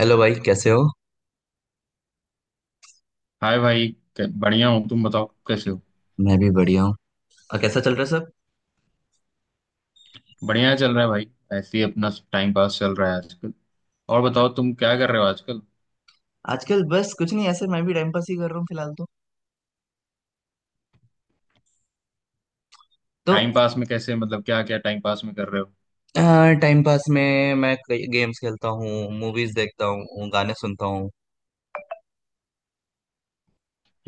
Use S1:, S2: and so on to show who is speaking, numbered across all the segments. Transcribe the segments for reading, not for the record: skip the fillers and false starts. S1: Hello भाई, कैसे हो?
S2: हाय भाई। बढ़िया हूँ तुम बताओ कैसे हो?
S1: मैं भी बढ़िया हूँ। और कैसा चल रहा है सब?
S2: बढ़िया चल रहा है भाई। ऐसे ही अपना टाइम पास चल रहा है आजकल। और बताओ तुम क्या कर रहे हो आजकल?
S1: आजकल बस कुछ नहीं, ऐसे मैं भी टाइम पास ही कर रहा हूँ फिलहाल तो।
S2: टाइम पास में कैसे मतलब क्या क्या टाइम पास में कर रहे हो?
S1: टाइम पास में मैं कई गेम्स खेलता हूँ, मूवीज देखता हूँ, गाने सुनता हूँ।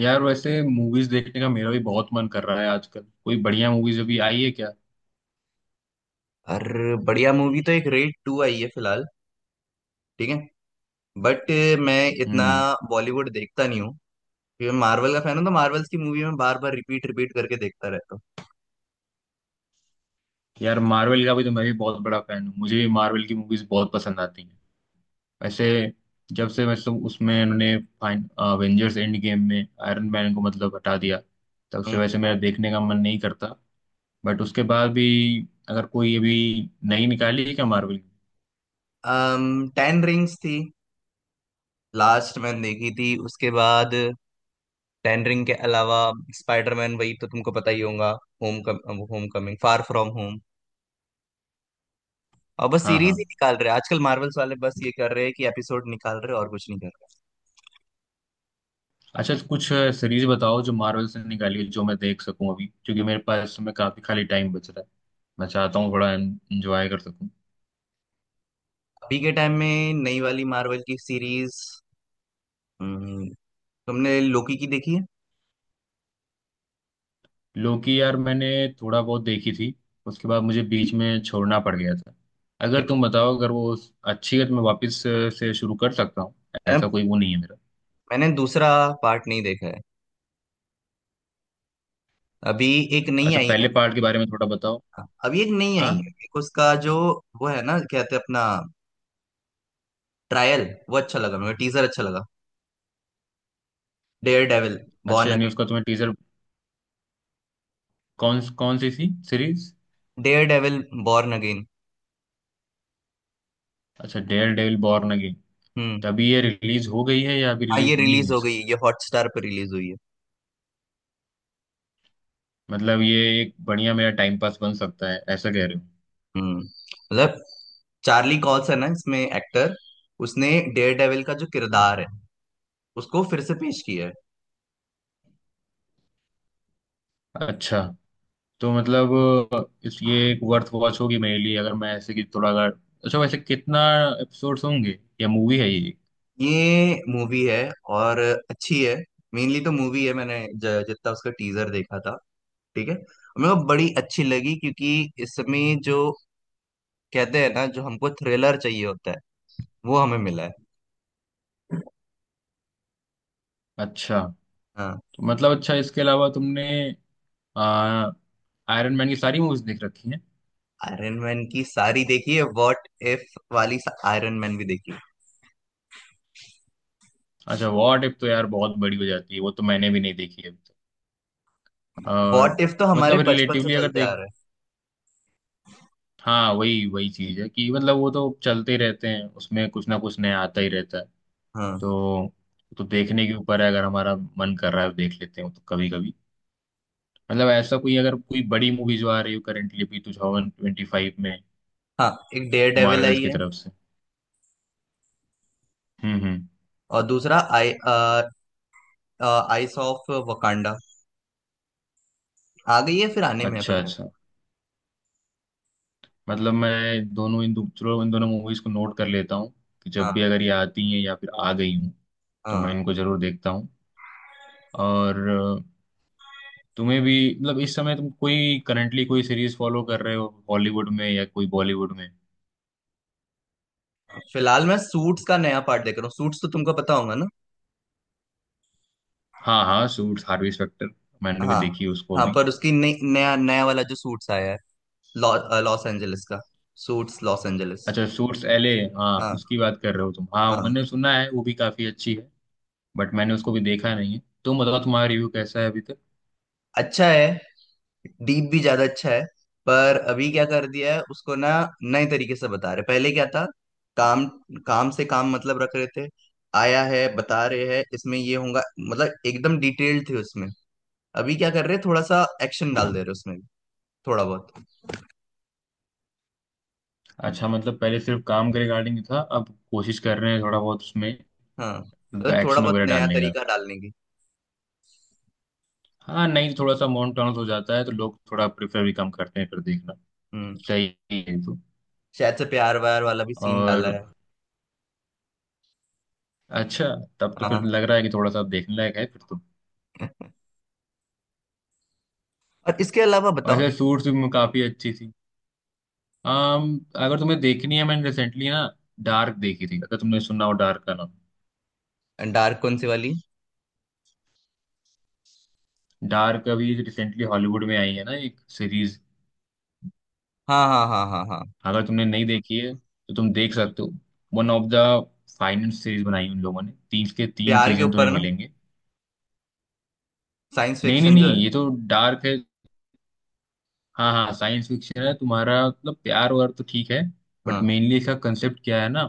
S2: यार वैसे मूवीज देखने का मेरा भी बहुत मन कर रहा है आजकल। कोई बढ़िया मूवीज अभी आई है क्या?
S1: और बढ़िया मूवी तो एक रेड टू आई है फिलहाल, ठीक है, बट मैं इतना
S2: हम्म हम्म।
S1: बॉलीवुड देखता नहीं हूँ क्योंकि मैं मार्वल का फैन हूँ, तो मार्वल्स की मूवी में बार बार रिपीट रिपीट करके देखता रहता
S2: यार मार्वल का भी तो मैं भी बहुत बड़ा फैन हूँ। मुझे भी मार्वल की मूवीज बहुत पसंद आती हैं। वैसे जब से मतलब उसमें उन्होंने फाइन अवेंजर्स एंड गेम में आयरन मैन को मतलब हटा दिया तब से
S1: हूँ।
S2: वैसे मेरा देखने का मन नहीं करता। बट उसके बाद भी अगर कोई अभी नई निकाली है क्या मार्वल की?
S1: टेन रिंग्स थी लास्ट मैंने देखी थी, उसके बाद टेन रिंग के अलावा स्पाइडरमैन, वही तो तुमको पता ही होगा, home come, home coming, far from home. और बस
S2: हाँ हाँ।
S1: सीरीज ही निकाल रहे हैं आजकल, मार्वल्स वाले बस ये कर रहे हैं कि एपिसोड निकाल रहे हैं, और कुछ नहीं कर रहे।
S2: अच्छा कुछ सीरीज बताओ जो मार्वल से निकाली है जो मैं देख सकूं अभी क्योंकि मेरे पास में काफी खाली टाइम बच रहा है। मैं चाहता हूँ थोड़ा एंजॉय कर सकूं।
S1: अभी के टाइम में नई वाली मार्वल की सीरीज, तुमने लोकी की देखी है?
S2: लोकी यार मैंने थोड़ा बहुत देखी थी। उसके बाद मुझे बीच में छोड़ना पड़ गया था।
S1: क्या?
S2: अगर तुम बताओ अगर वो अच्छी है तो मैं वापस से शुरू कर सकता हूँ।
S1: मैं-
S2: ऐसा कोई वो नहीं है मेरा।
S1: मैंने दूसरा पार्ट नहीं देखा है। अभी एक नई
S2: अच्छा
S1: आई है।
S2: पहले पार्ट के बारे में थोड़ा बताओ।
S1: अभी एक नई
S2: हाँ।
S1: आई है, एक उसका जो, वो है ना, क्या कहते हैं अपना, ट्रायल, वो अच्छा लगा मुझे, टीजर अच्छा लगा, डेयर डेविल
S2: अच्छा
S1: बॉर्न
S2: यानी
S1: अगेन।
S2: उसका तुम्हें टीजर कौन कौन सी थी series?
S1: Daredevil born again.
S2: अच्छा डेयर डेविल बॉर्न अगेन। तो अभी ये रिलीज हो गई है या अभी
S1: हाँ ये
S2: रिलीज होनी
S1: रिलीज
S2: है
S1: हो
S2: इसको?
S1: गई है, ये हॉटस्टार पर रिलीज हुई है।
S2: मतलब ये एक बढ़िया मेरा टाइम पास बन सकता है ऐसा कह रहे
S1: हम्म, मतलब चार्ली कॉल्स है ना इसमें एक्टर, उसने डेयर डेविल का जो किरदार है उसको फिर से पेश किया है।
S2: हो। अच्छा तो मतलब इस ये एक वर्थ वॉच होगी मेरे लिए अगर मैं ऐसे कि थोड़ा अगर अच्छा वैसे कितना एपिसोड्स होंगे या मूवी है ये?
S1: ये मूवी है, और अच्छी है, मेनली तो मूवी है। मैंने जितना उसका टीजर देखा था, ठीक है, मेरे को बड़ी अच्छी लगी, क्योंकि इसमें जो कहते हैं ना, जो हमको थ्रिलर चाहिए होता है वो हमें मिला है।
S2: अच्छा
S1: हाँ।
S2: तो मतलब अच्छा इसके अलावा तुमने आयरन मैन की सारी मूवीज देख रखी हैं।
S1: आयरन मैन की सारी देखी है, व्हाट इफ वाली, आयरन मैन भी देखी।
S2: अच्छा वॉट इफ तो यार बहुत बड़ी हो जाती है वो तो मैंने भी नहीं देखी अभी तक। और
S1: वॉट इफ तो हमारे
S2: मतलब
S1: बचपन से
S2: रिलेटिवली अगर
S1: चलते आ
S2: देख
S1: रहे हैं।
S2: हाँ वही वही चीज है कि मतलब वो तो चलते ही रहते हैं उसमें कुछ ना कुछ नया आता ही रहता है।
S1: हाँ
S2: तो तो देखने के ऊपर है अगर हमारा मन कर रहा है तो देख लेते हैं तो कभी कभी मतलब ऐसा कोई अगर कोई बड़ी मूवी जो आ रही हो करेंटली भी 2025 में
S1: हाँ, एक डेयर डेविल
S2: मार्वल्स
S1: आई
S2: की
S1: है,
S2: तरफ से। हम्म।
S1: और दूसरा आई आइस ऑफ वकांडा आ गई है, फिर आने में है
S2: अच्छा
S1: पता नहीं।
S2: अच्छा मतलब मैं दोनों चलो इन दोनों मूवीज को नोट कर लेता हूँ कि जब भी
S1: हाँ
S2: अगर ये आती हैं या फिर आ गई हूँ तो
S1: हाँ।
S2: मैं इनको जरूर देखता हूँ। और तुम्हें भी मतलब इस समय तुम कोई करंटली कोई सीरीज फॉलो कर रहे हो हॉलीवुड में या कोई बॉलीवुड में?
S1: फिलहाल मैं सूट्स का नया पार्ट देख रहा हूँ, सूट्स तो तुमको पता होगा ना।
S2: हाँ हाँ सूट्स हार्वी स्पेक्टर। मैंने भी
S1: हाँ
S2: देखी उसको
S1: हाँ,
S2: अभी।
S1: पर उसकी नई नया नया वाला जो सूट्स आया है, लॉस एंजलिस का, सूट्स लॉस एंजलिस।
S2: अच्छा सूट्स एले। हाँ
S1: हाँ
S2: उसकी बात कर रहे हो तुम। हाँ
S1: हाँ।
S2: मैंने सुना है वो भी काफी अच्छी है। बट मैंने उसको भी देखा नहीं है तुम बताओ तुम्हारा रिव्यू कैसा है अभी तक?
S1: अच्छा है, डीप भी ज्यादा अच्छा है। पर अभी क्या कर दिया है उसको ना, नए तरीके से बता रहे, पहले क्या था, काम काम से काम मतलब रख रहे थे, आया है बता रहे हैं इसमें ये होगा, मतलब एकदम डिटेल्ड थे उसमें। अभी क्या कर रहे हैं, थोड़ा सा एक्शन डाल दे रहे उसमें भी, थोड़ा बहुत।
S2: अच्छा मतलब पहले सिर्फ काम के रिगार्डिंग था अब कोशिश कर रहे हैं थोड़ा बहुत उसमें
S1: हाँ, मतलब थोड़ा
S2: एक्शन
S1: बहुत
S2: वगैरह
S1: नया
S2: डालने का।
S1: तरीका डालने की।
S2: हाँ नहीं थोड़ा सा मोनोटोनस हो जाता है तो लोग थोड़ा प्रेफर भी कम करते हैं फिर देखना।
S1: हम्म।
S2: सही है ये तो।
S1: शायद से प्यार व्यार वाला भी सीन डाला
S2: और
S1: है।
S2: अच्छा तब तो फिर
S1: हाँ,
S2: लग रहा है कि थोड़ा सा देखने लायक है फिर तो।
S1: और इसके अलावा बताओ।
S2: वैसे सूट्स भी काफी अच्छी थी। अगर तुम्हें देखनी है मैंने रिसेंटली ना डार्क देखी थी अगर तुमने सुना हो डार्क का नाम।
S1: डार्क कौन सी वाली?
S2: डार्क अभी रिसेंटली हॉलीवुड में आई है ना एक सीरीज।
S1: हाँ हाँ हाँ हाँ हाँ।
S2: अगर तुमने नहीं देखी है तो तुम देख सकते हो। One of the finance series बनाई उन लोगों ने तीन के तीन
S1: प्यार के
S2: सीजन तुम्हें
S1: ऊपर ना,
S2: मिलेंगे।
S1: साइंस
S2: नहीं नहीं
S1: फिक्शन जो है।
S2: नहीं ये तो डार्क है। हाँ हाँ साइंस फिक्शन है तुम्हारा मतलब प्यार वार तो ठीक है। बट
S1: हाँ
S2: मेनली इसका कंसेप्ट क्या है ना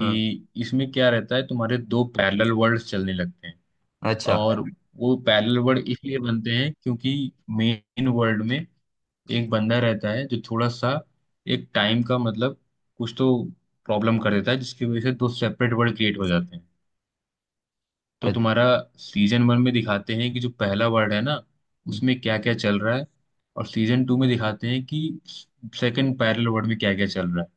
S1: हाँ।
S2: कि इसमें क्या रहता है तुम्हारे दो पैरेलल वर्ल्ड्स चलने लगते हैं।
S1: अच्छा
S2: और वो पैरेलल वर्ल्ड इसलिए बनते हैं क्योंकि मेन वर्ल्ड में एक बंदा रहता है जो थोड़ा सा एक टाइम का मतलब कुछ तो प्रॉब्लम कर देता है जिसकी वजह से दो सेपरेट वर्ल्ड क्रिएट हो जाते हैं। तो
S1: अच्छा।
S2: तुम्हारा सीजन वन में दिखाते हैं कि जो पहला वर्ड है ना उसमें क्या क्या चल रहा है। और सीजन टू में दिखाते हैं कि सेकंड पैरेलल वर्ड में क्या क्या चल रहा है।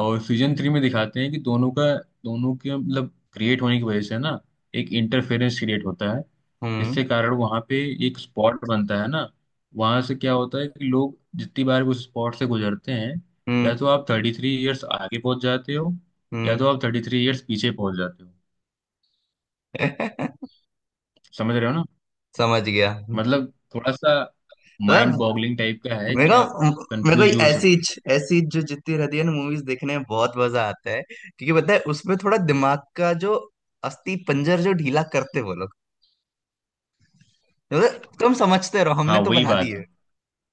S2: और सीजन थ्री में दिखाते हैं कि दोनों के मतलब क्रिएट होने की वजह से ना एक इंटरफेरेंस क्रिएट होता है
S1: हम्म
S2: जिसके कारण वहाँ पे एक स्पॉट बनता है ना वहाँ से क्या होता है कि लोग जितनी बार उस स्पॉट से गुजरते हैं या
S1: हम्म
S2: तो आप 33 ईयर्स आगे पहुंच जाते हो या
S1: हम्म।
S2: तो आप थर्टी थ्री ईयर्स पीछे पहुंच जाते हो। समझ रहे हो?
S1: समझ गया।
S2: मतलब थोड़ा सा माइंड
S1: मतलब
S2: बॉगलिंग टाइप का है
S1: मेरे
S2: कि आप
S1: को मेरे को
S2: कंफ्यूज भी हो
S1: ऐसी
S2: सकते हो।
S1: ऐसी जो जितनी रहती है ना, मूवीज देखने में बहुत मजा आता है क्योंकि पता है उसमें थोड़ा दिमाग का जो अस्थि पंजर जो ढीला करते वो लोग, मतलब तुम समझते रहो, हमने
S2: हाँ
S1: तो
S2: वही
S1: बना दी
S2: बात
S1: है।
S2: है।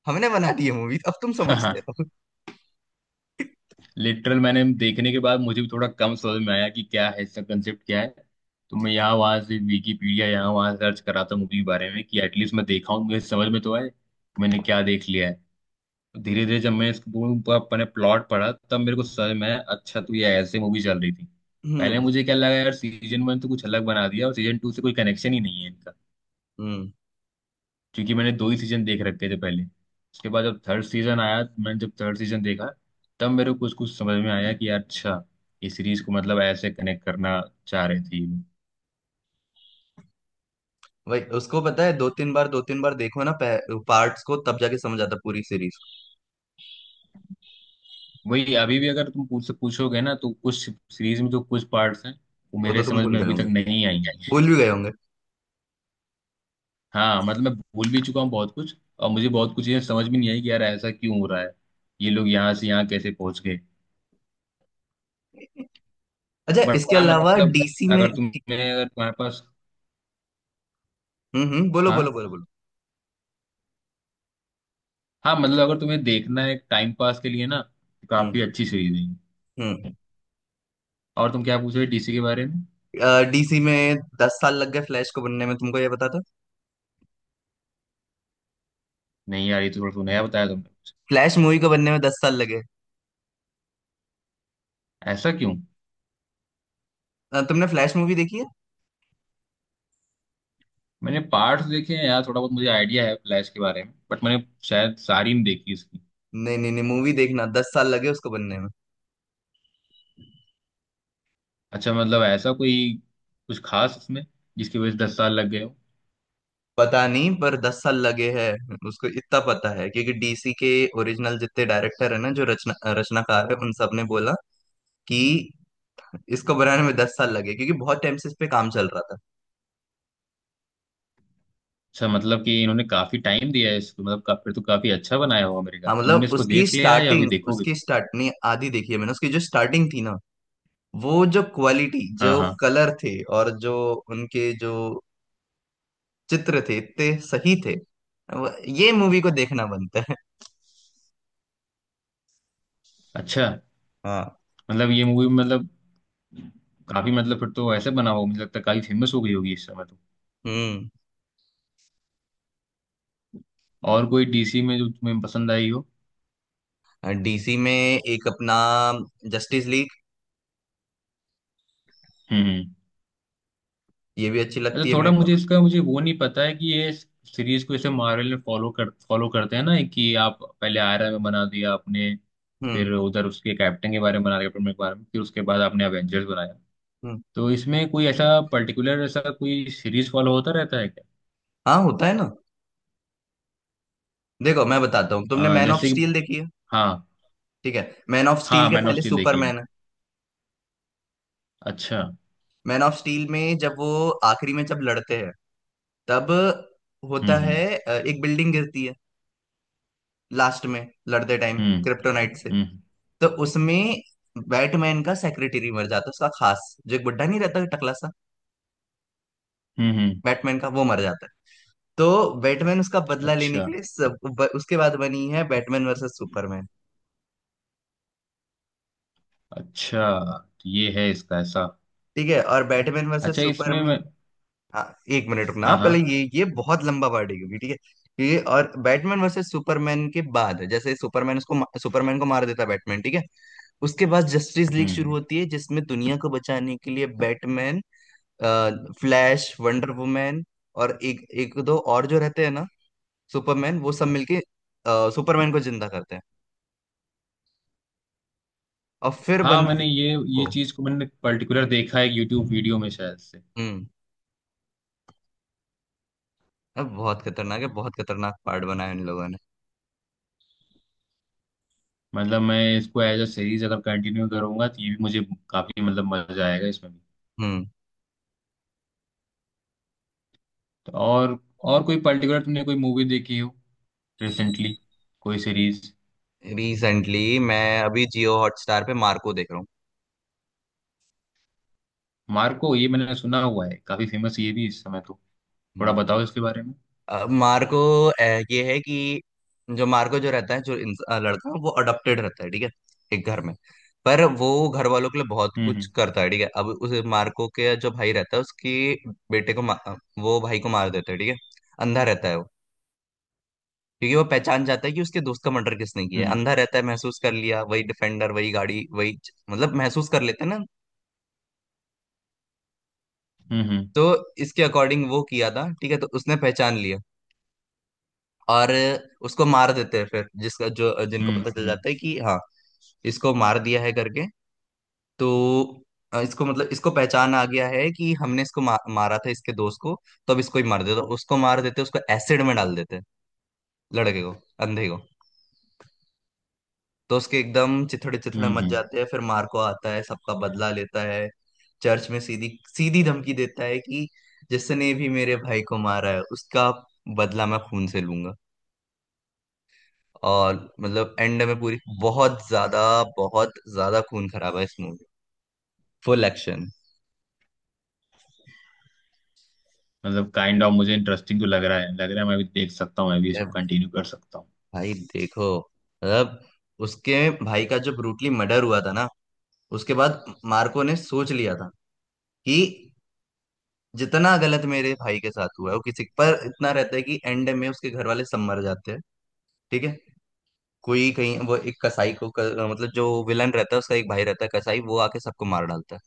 S1: हमने बना दी है मूवी, अब तुम समझते
S2: हाँ।
S1: रहो।
S2: लिटरल मैंने देखने के बाद मुझे भी थोड़ा कम समझ में आया कि क्या है इसका कंसेप्ट क्या है। तो मैं यहाँ वहाँ से विकीपीडिया यहाँ वहाँ सर्च कर रहा था मूवी के बारे में कि एटलीस्ट मैं देखा हूँ मुझे समझ में तो आए मैंने क्या देख लिया है। धीरे धीरे जब मैं इसको अपने प्लॉट पढ़ा तब मेरे को समझ में आया अच्छा तो ये ऐसे मूवी चल रही थी। पहले
S1: हम्म
S2: मुझे क्या लगा यार सीजन वन तो कुछ अलग बना दिया और सीजन टू से कोई कनेक्शन ही नहीं है
S1: हम्म,
S2: क्योंकि मैंने दो ही सीजन देख रखे थे पहले उसके बाद जब थर्ड सीजन आया मैंने जब थर्ड सीजन देखा तब मेरे को कुछ कुछ समझ में आया कि यार अच्छा ये सीरीज को मतलब ऐसे कनेक्ट करना चाह रहे थे ये लोग।
S1: वही उसको पता है, दो तीन बार देखो ना पार्ट्स को, तब जाके समझ आता है पूरी सीरीज।
S2: वही अभी भी अगर तुम पूछ पूछोगे ना तो कुछ सीरीज में जो कुछ पार्ट्स हैं वो
S1: वो तो
S2: मेरे
S1: तुम
S2: समझ
S1: भूल
S2: में
S1: गए
S2: अभी तक
S1: होंगे,
S2: नहीं आई हैं।
S1: भूल भी गए होंगे।
S2: हाँ मतलब मैं भूल भी चुका हूँ बहुत कुछ और मुझे बहुत कुछ ये समझ भी नहीं आई कि यार ऐसा क्यों हो रहा है ये लोग यहाँ से यहाँ कैसे पहुंच गए।
S1: अच्छा,
S2: बट
S1: इसके
S2: हाँ
S1: अलावा
S2: मतलब
S1: डीसी में।
S2: अगर तुम्हारे पास
S1: हम्म, बोलो बोलो
S2: हाँ
S1: बोलो बोलो।
S2: हाँ मतलब अगर तुम्हें देखना है टाइम पास के लिए ना तो
S1: हम्म
S2: काफी अच्छी सीरीज है ये।
S1: हम्म।
S2: और तुम क्या पूछ रहे डीसी के बारे में?
S1: डीसी में 10 साल लग गए फ्लैश को बनने में, तुमको ये पता था?
S2: नहीं यार ये तो थोड़ा सा नया बताया तुमने मुझे।
S1: फ्लैश मूवी को बनने में 10 साल लगे।
S2: ऐसा क्यों?
S1: तुमने फ्लैश मूवी देखी है?
S2: मैंने पार्ट्स देखे हैं यार थोड़ा बहुत मुझे आइडिया है फ्लैश के बारे में बट मैंने शायद सारी नहीं देखी इसकी।
S1: नहीं नहीं नहीं, मूवी देखना, 10 साल लगे उसको बनने में।
S2: अच्छा मतलब ऐसा कोई कुछ खास इसमें जिसकी वजह से 10 साल लग गए हो?
S1: पता नहीं, पर 10 साल लगे हैं उसको इतना पता है, क्योंकि डीसी के ओरिजिनल जितने डायरेक्टर है ना, जो रचनाकार है, उन सब ने बोला कि इसको बनाने में 10 साल लगे क्योंकि बहुत टाइम से इस पे काम चल रहा था।
S2: अच्छा मतलब कि इन्होंने काफी टाइम दिया है इसको मतलब फिर तो काफी अच्छा बनाया होगा मेरे ख्याल
S1: हाँ,
S2: तुमने
S1: मतलब
S2: इसको
S1: उसकी
S2: देख लिया है या अभी
S1: स्टार्टिंग,
S2: देखोगे
S1: उसकी
S2: तुम?
S1: स्टार्ट नहीं, आधी देखी है मैंने। उसकी जो स्टार्टिंग थी ना, वो जो क्वालिटी,
S2: हाँ
S1: जो
S2: हाँ।
S1: कलर थे, और जो उनके जो चित्र थे, इतने सही थे, वो- ये मूवी को देखना बनता है।
S2: अच्छा
S1: हाँ।
S2: मतलब ये मूवी मतलब काफी मतलब फिर तो ऐसे बना हो मुझे लगता है काफी फेमस हो गई होगी इस समय तो।
S1: हम्म।
S2: और कोई डीसी में जो तुम्हें पसंद आई हो?
S1: डीसी में एक अपना, जस्टिस लीग,
S2: हम्म।
S1: ये भी अच्छी
S2: अच्छा
S1: लगती है मेरे
S2: थोड़ा
S1: को।
S2: मुझे इसका मुझे वो नहीं पता है कि ये सीरीज को जैसे मार्वल ने फॉलो करते हैं ना कि आप पहले आयरन मैन बना दिया आपने
S1: हम्म
S2: फिर उधर उसके कैप्टन के बारे में बना दिया कैप्टन के बारे में फिर उसके बाद आपने एवेंजर्स बनाया।
S1: हम्म।
S2: तो इसमें कोई ऐसा पर्टिकुलर ऐसा कोई सीरीज फॉलो होता रहता है क्या?
S1: हाँ होता है ना, देखो मैं बताता हूँ, तुमने मैन ऑफ
S2: जैसे कि
S1: स्टील देखी है?
S2: हाँ
S1: ठीक है, मैन ऑफ स्टील
S2: हाँ
S1: के
S2: मैन ऑफ
S1: पहले
S2: स्टील देखी है
S1: सुपरमैन
S2: मैंने।
S1: है।
S2: अच्छा।
S1: मैन ऑफ स्टील में जब वो आखिरी में जब लड़ते हैं, तब
S2: हम्म
S1: होता है
S2: हम्म
S1: एक बिल्डिंग गिरती है, लास्ट में लड़ते टाइम
S2: हम्म
S1: क्रिप्टोनाइट से,
S2: हम्म
S1: तो उसमें बैटमैन का सेक्रेटरी मर जाता है, उसका खास जो, एक बुड्ढा नहीं रहता टकला सा,
S2: हम्म।
S1: बैटमैन का, वो मर जाता है। तो बैटमैन उसका बदला लेने
S2: अच्छा
S1: के लिए सब, उसके बाद बनी है बैटमैन वर्सेस सुपरमैन।
S2: अच्छा तो ये है इसका ऐसा।
S1: ठीक है, और बैटमैन वर्सेस
S2: अच्छा इसमें
S1: सुपरमैन।
S2: मैं
S1: हाँ एक मिनट रुकना, हाँ,
S2: हाँ
S1: पहले
S2: हाँ
S1: ये बहुत लंबा पार्ट है क्योंकि, ठीक है ये, और बैटमैन वर्सेस सुपरमैन के बाद जैसे सुपरमैन उसको सुपरमैन को मार देता है बैटमैन, ठीक है, उसके बाद जस्टिस लीग शुरू
S2: हम्म
S1: होती है जिसमें दुनिया को बचाने के लिए बैटमैन, फ्लैश, वंडर वुमैन, और एक एक दो और जो रहते हैं ना, सुपरमैन, वो सब मिलके सुपरमैन को जिंदा करते हैं, और फिर
S2: हाँ मैंने
S1: बनती
S2: ये
S1: को।
S2: ये चीज को मैंने पर्टिकुलर देखा है यूट्यूब वीडियो में शायद से।
S1: हम्म, अब बहुत खतरनाक है, बहुत खतरनाक पार्ट बनाया इन लोगों ने।
S2: मतलब मैं इसको एज अ सीरीज अगर कंटिन्यू करूंगा तो ये भी मुझे काफी मतलब मजा आएगा इसमें भी।
S1: हम्म।
S2: तो और कोई पर्टिकुलर तुमने कोई मूवी देखी हो रिसेंटली कोई सीरीज?
S1: रिसेंटली, मैं अभी जियो हॉटस्टार पे मार्को देख रहा हूँ।
S2: मार्को ये मैंने सुना हुआ है काफी फेमस ये भी इस समय तो। थोड़ा
S1: हम्म।
S2: बताओ इसके बारे में।
S1: मार्को, अ, ये है कि जो मार्को जो रहता है, जो लड़का है, वो अडॉप्टेड रहता है, ठीक है, एक घर में, पर वो घर वालों के लिए बहुत कुछ
S2: हम्म
S1: करता है। ठीक है, अब उस मार्को के जो भाई रहता है, उसके बेटे को वो भाई को मार देता है, ठीक है, अंधा रहता है वो, क्योंकि वो पहचान जाता है कि उसके दोस्त का मर्डर किसने किया है।
S2: हम्म
S1: अंधा रहता है, महसूस कर लिया, वही डिफेंडर वही गाड़ी मतलब महसूस कर लेते हैं ना।
S2: हम्म हम्म
S1: तो इसके अकॉर्डिंग वो किया था, ठीक है, तो उसने पहचान लिया, और उसको मार देते हैं फिर, जिसका जो, जिनको
S2: हम्म
S1: पता चल
S2: हम्म
S1: जाता है कि हाँ इसको मार दिया है करके, तो इसको मतलब इसको पहचान आ गया है कि हमने इसको मारा था इसके दोस्त को, तो अब इसको ही मार देते, उसको मार देते, उसको एसिड में डाल देते, लड़के को, अंधे को। तो उसके एकदम चिथड़े चिथड़े मच
S2: हम्म।
S1: जाते हैं, फिर मार्को आता है, सबका बदला लेता है, चर्च में सीधी सीधी धमकी देता है कि जिसने भी मेरे भाई को मारा है उसका बदला मैं खून से लूंगा। और मतलब एंड में पूरी, बहुत ज्यादा, बहुत ज्यादा खून खराब है इस मूवी, फुल एक्शन।
S2: मतलब काइंड ऑफ मुझे इंटरेस्टिंग तो लग रहा है मैं भी देख सकता हूँ मैं भी इसको
S1: अरे
S2: कंटिन्यू कर सकता हूँ।
S1: भाई देखो, मतलब उसके भाई का जो ब्रूटली मर्डर हुआ था ना, उसके बाद मार्को ने सोच लिया था कि जितना गलत मेरे भाई के साथ हुआ है वो किसी पर, इतना रहता है कि एंड में उसके घर वाले सब मर जाते हैं। ठीक है, कोई कहीं वो एक कसाई को, मतलब जो विलन रहता है उसका एक भाई रहता है कसाई, वो आके सबको मार डालता है।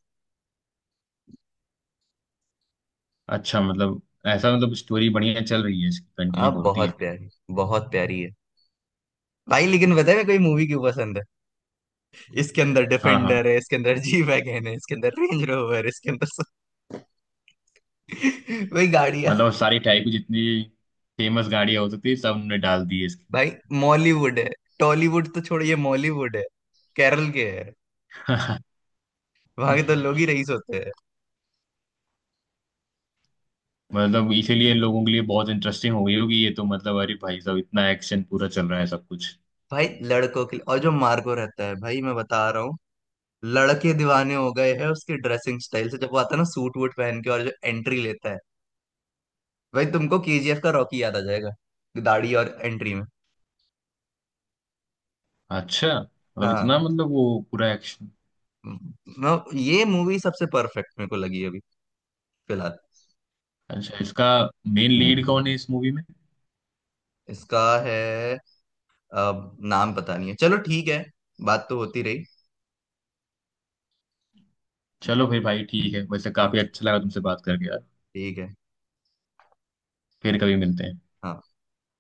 S2: अच्छा मतलब ऐसा मतलब स्टोरी बढ़िया चल रही है इसकी कंटिन्यू
S1: आप
S2: होती है।
S1: बहुत प्यारी, बहुत प्यारी है भाई। लेकिन बताए मैं कोई मूवी क्यों पसंद है, इसके अंदर
S2: हाँ हाँ
S1: डिफेंडर है, इसके अंदर जी वैगन है, इसके अंदर रेंज रोवर, इसके अंदर सब। वही गाड़ियां।
S2: मतलब सारी टाइप की जितनी फेमस गाड़ियाँ हो सकती है सब ने डाल दी है इसकी।
S1: भाई मॉलीवुड है, टॉलीवुड तो छोड़िए, मॉलीवुड है, केरल के है, वहां के तो लोग ही रईस होते हैं।
S2: मतलब इसीलिए लोगों के लिए बहुत इंटरेस्टिंग हो गई होगी ये तो मतलब अरे भाई साहब इतना एक्शन पूरा चल रहा है सब कुछ।
S1: भाई लड़कों के लिए। और जो मार्को रहता है भाई, मैं बता रहा हूँ, लड़के दीवाने हो गए हैं उसके ड्रेसिंग स्टाइल से, जब वो आता है ना सूट वूट पहन के और जो एंट्री लेता है, भाई तुमको केजीएफ का रॉकी याद आ जाएगा, दाढ़ी और एंट्री में।
S2: अच्छा मतलब इतना
S1: हाँ,
S2: मतलब वो पूरा एक्शन
S1: ये मूवी सबसे परफेक्ट मेरे को लगी अभी, फिलहाल।
S2: अच्छा इसका मेन लीड कौन है इस मूवी में?
S1: इसका है, अब नाम पता नहीं है, चलो ठीक है, बात तो होती रही।
S2: चलो फिर भाई ठीक है वैसे
S1: हाँ,
S2: काफी अच्छा लगा तुमसे बात करके यार।
S1: ठीक है,
S2: फिर कभी मिलते हैं।
S1: हाँ।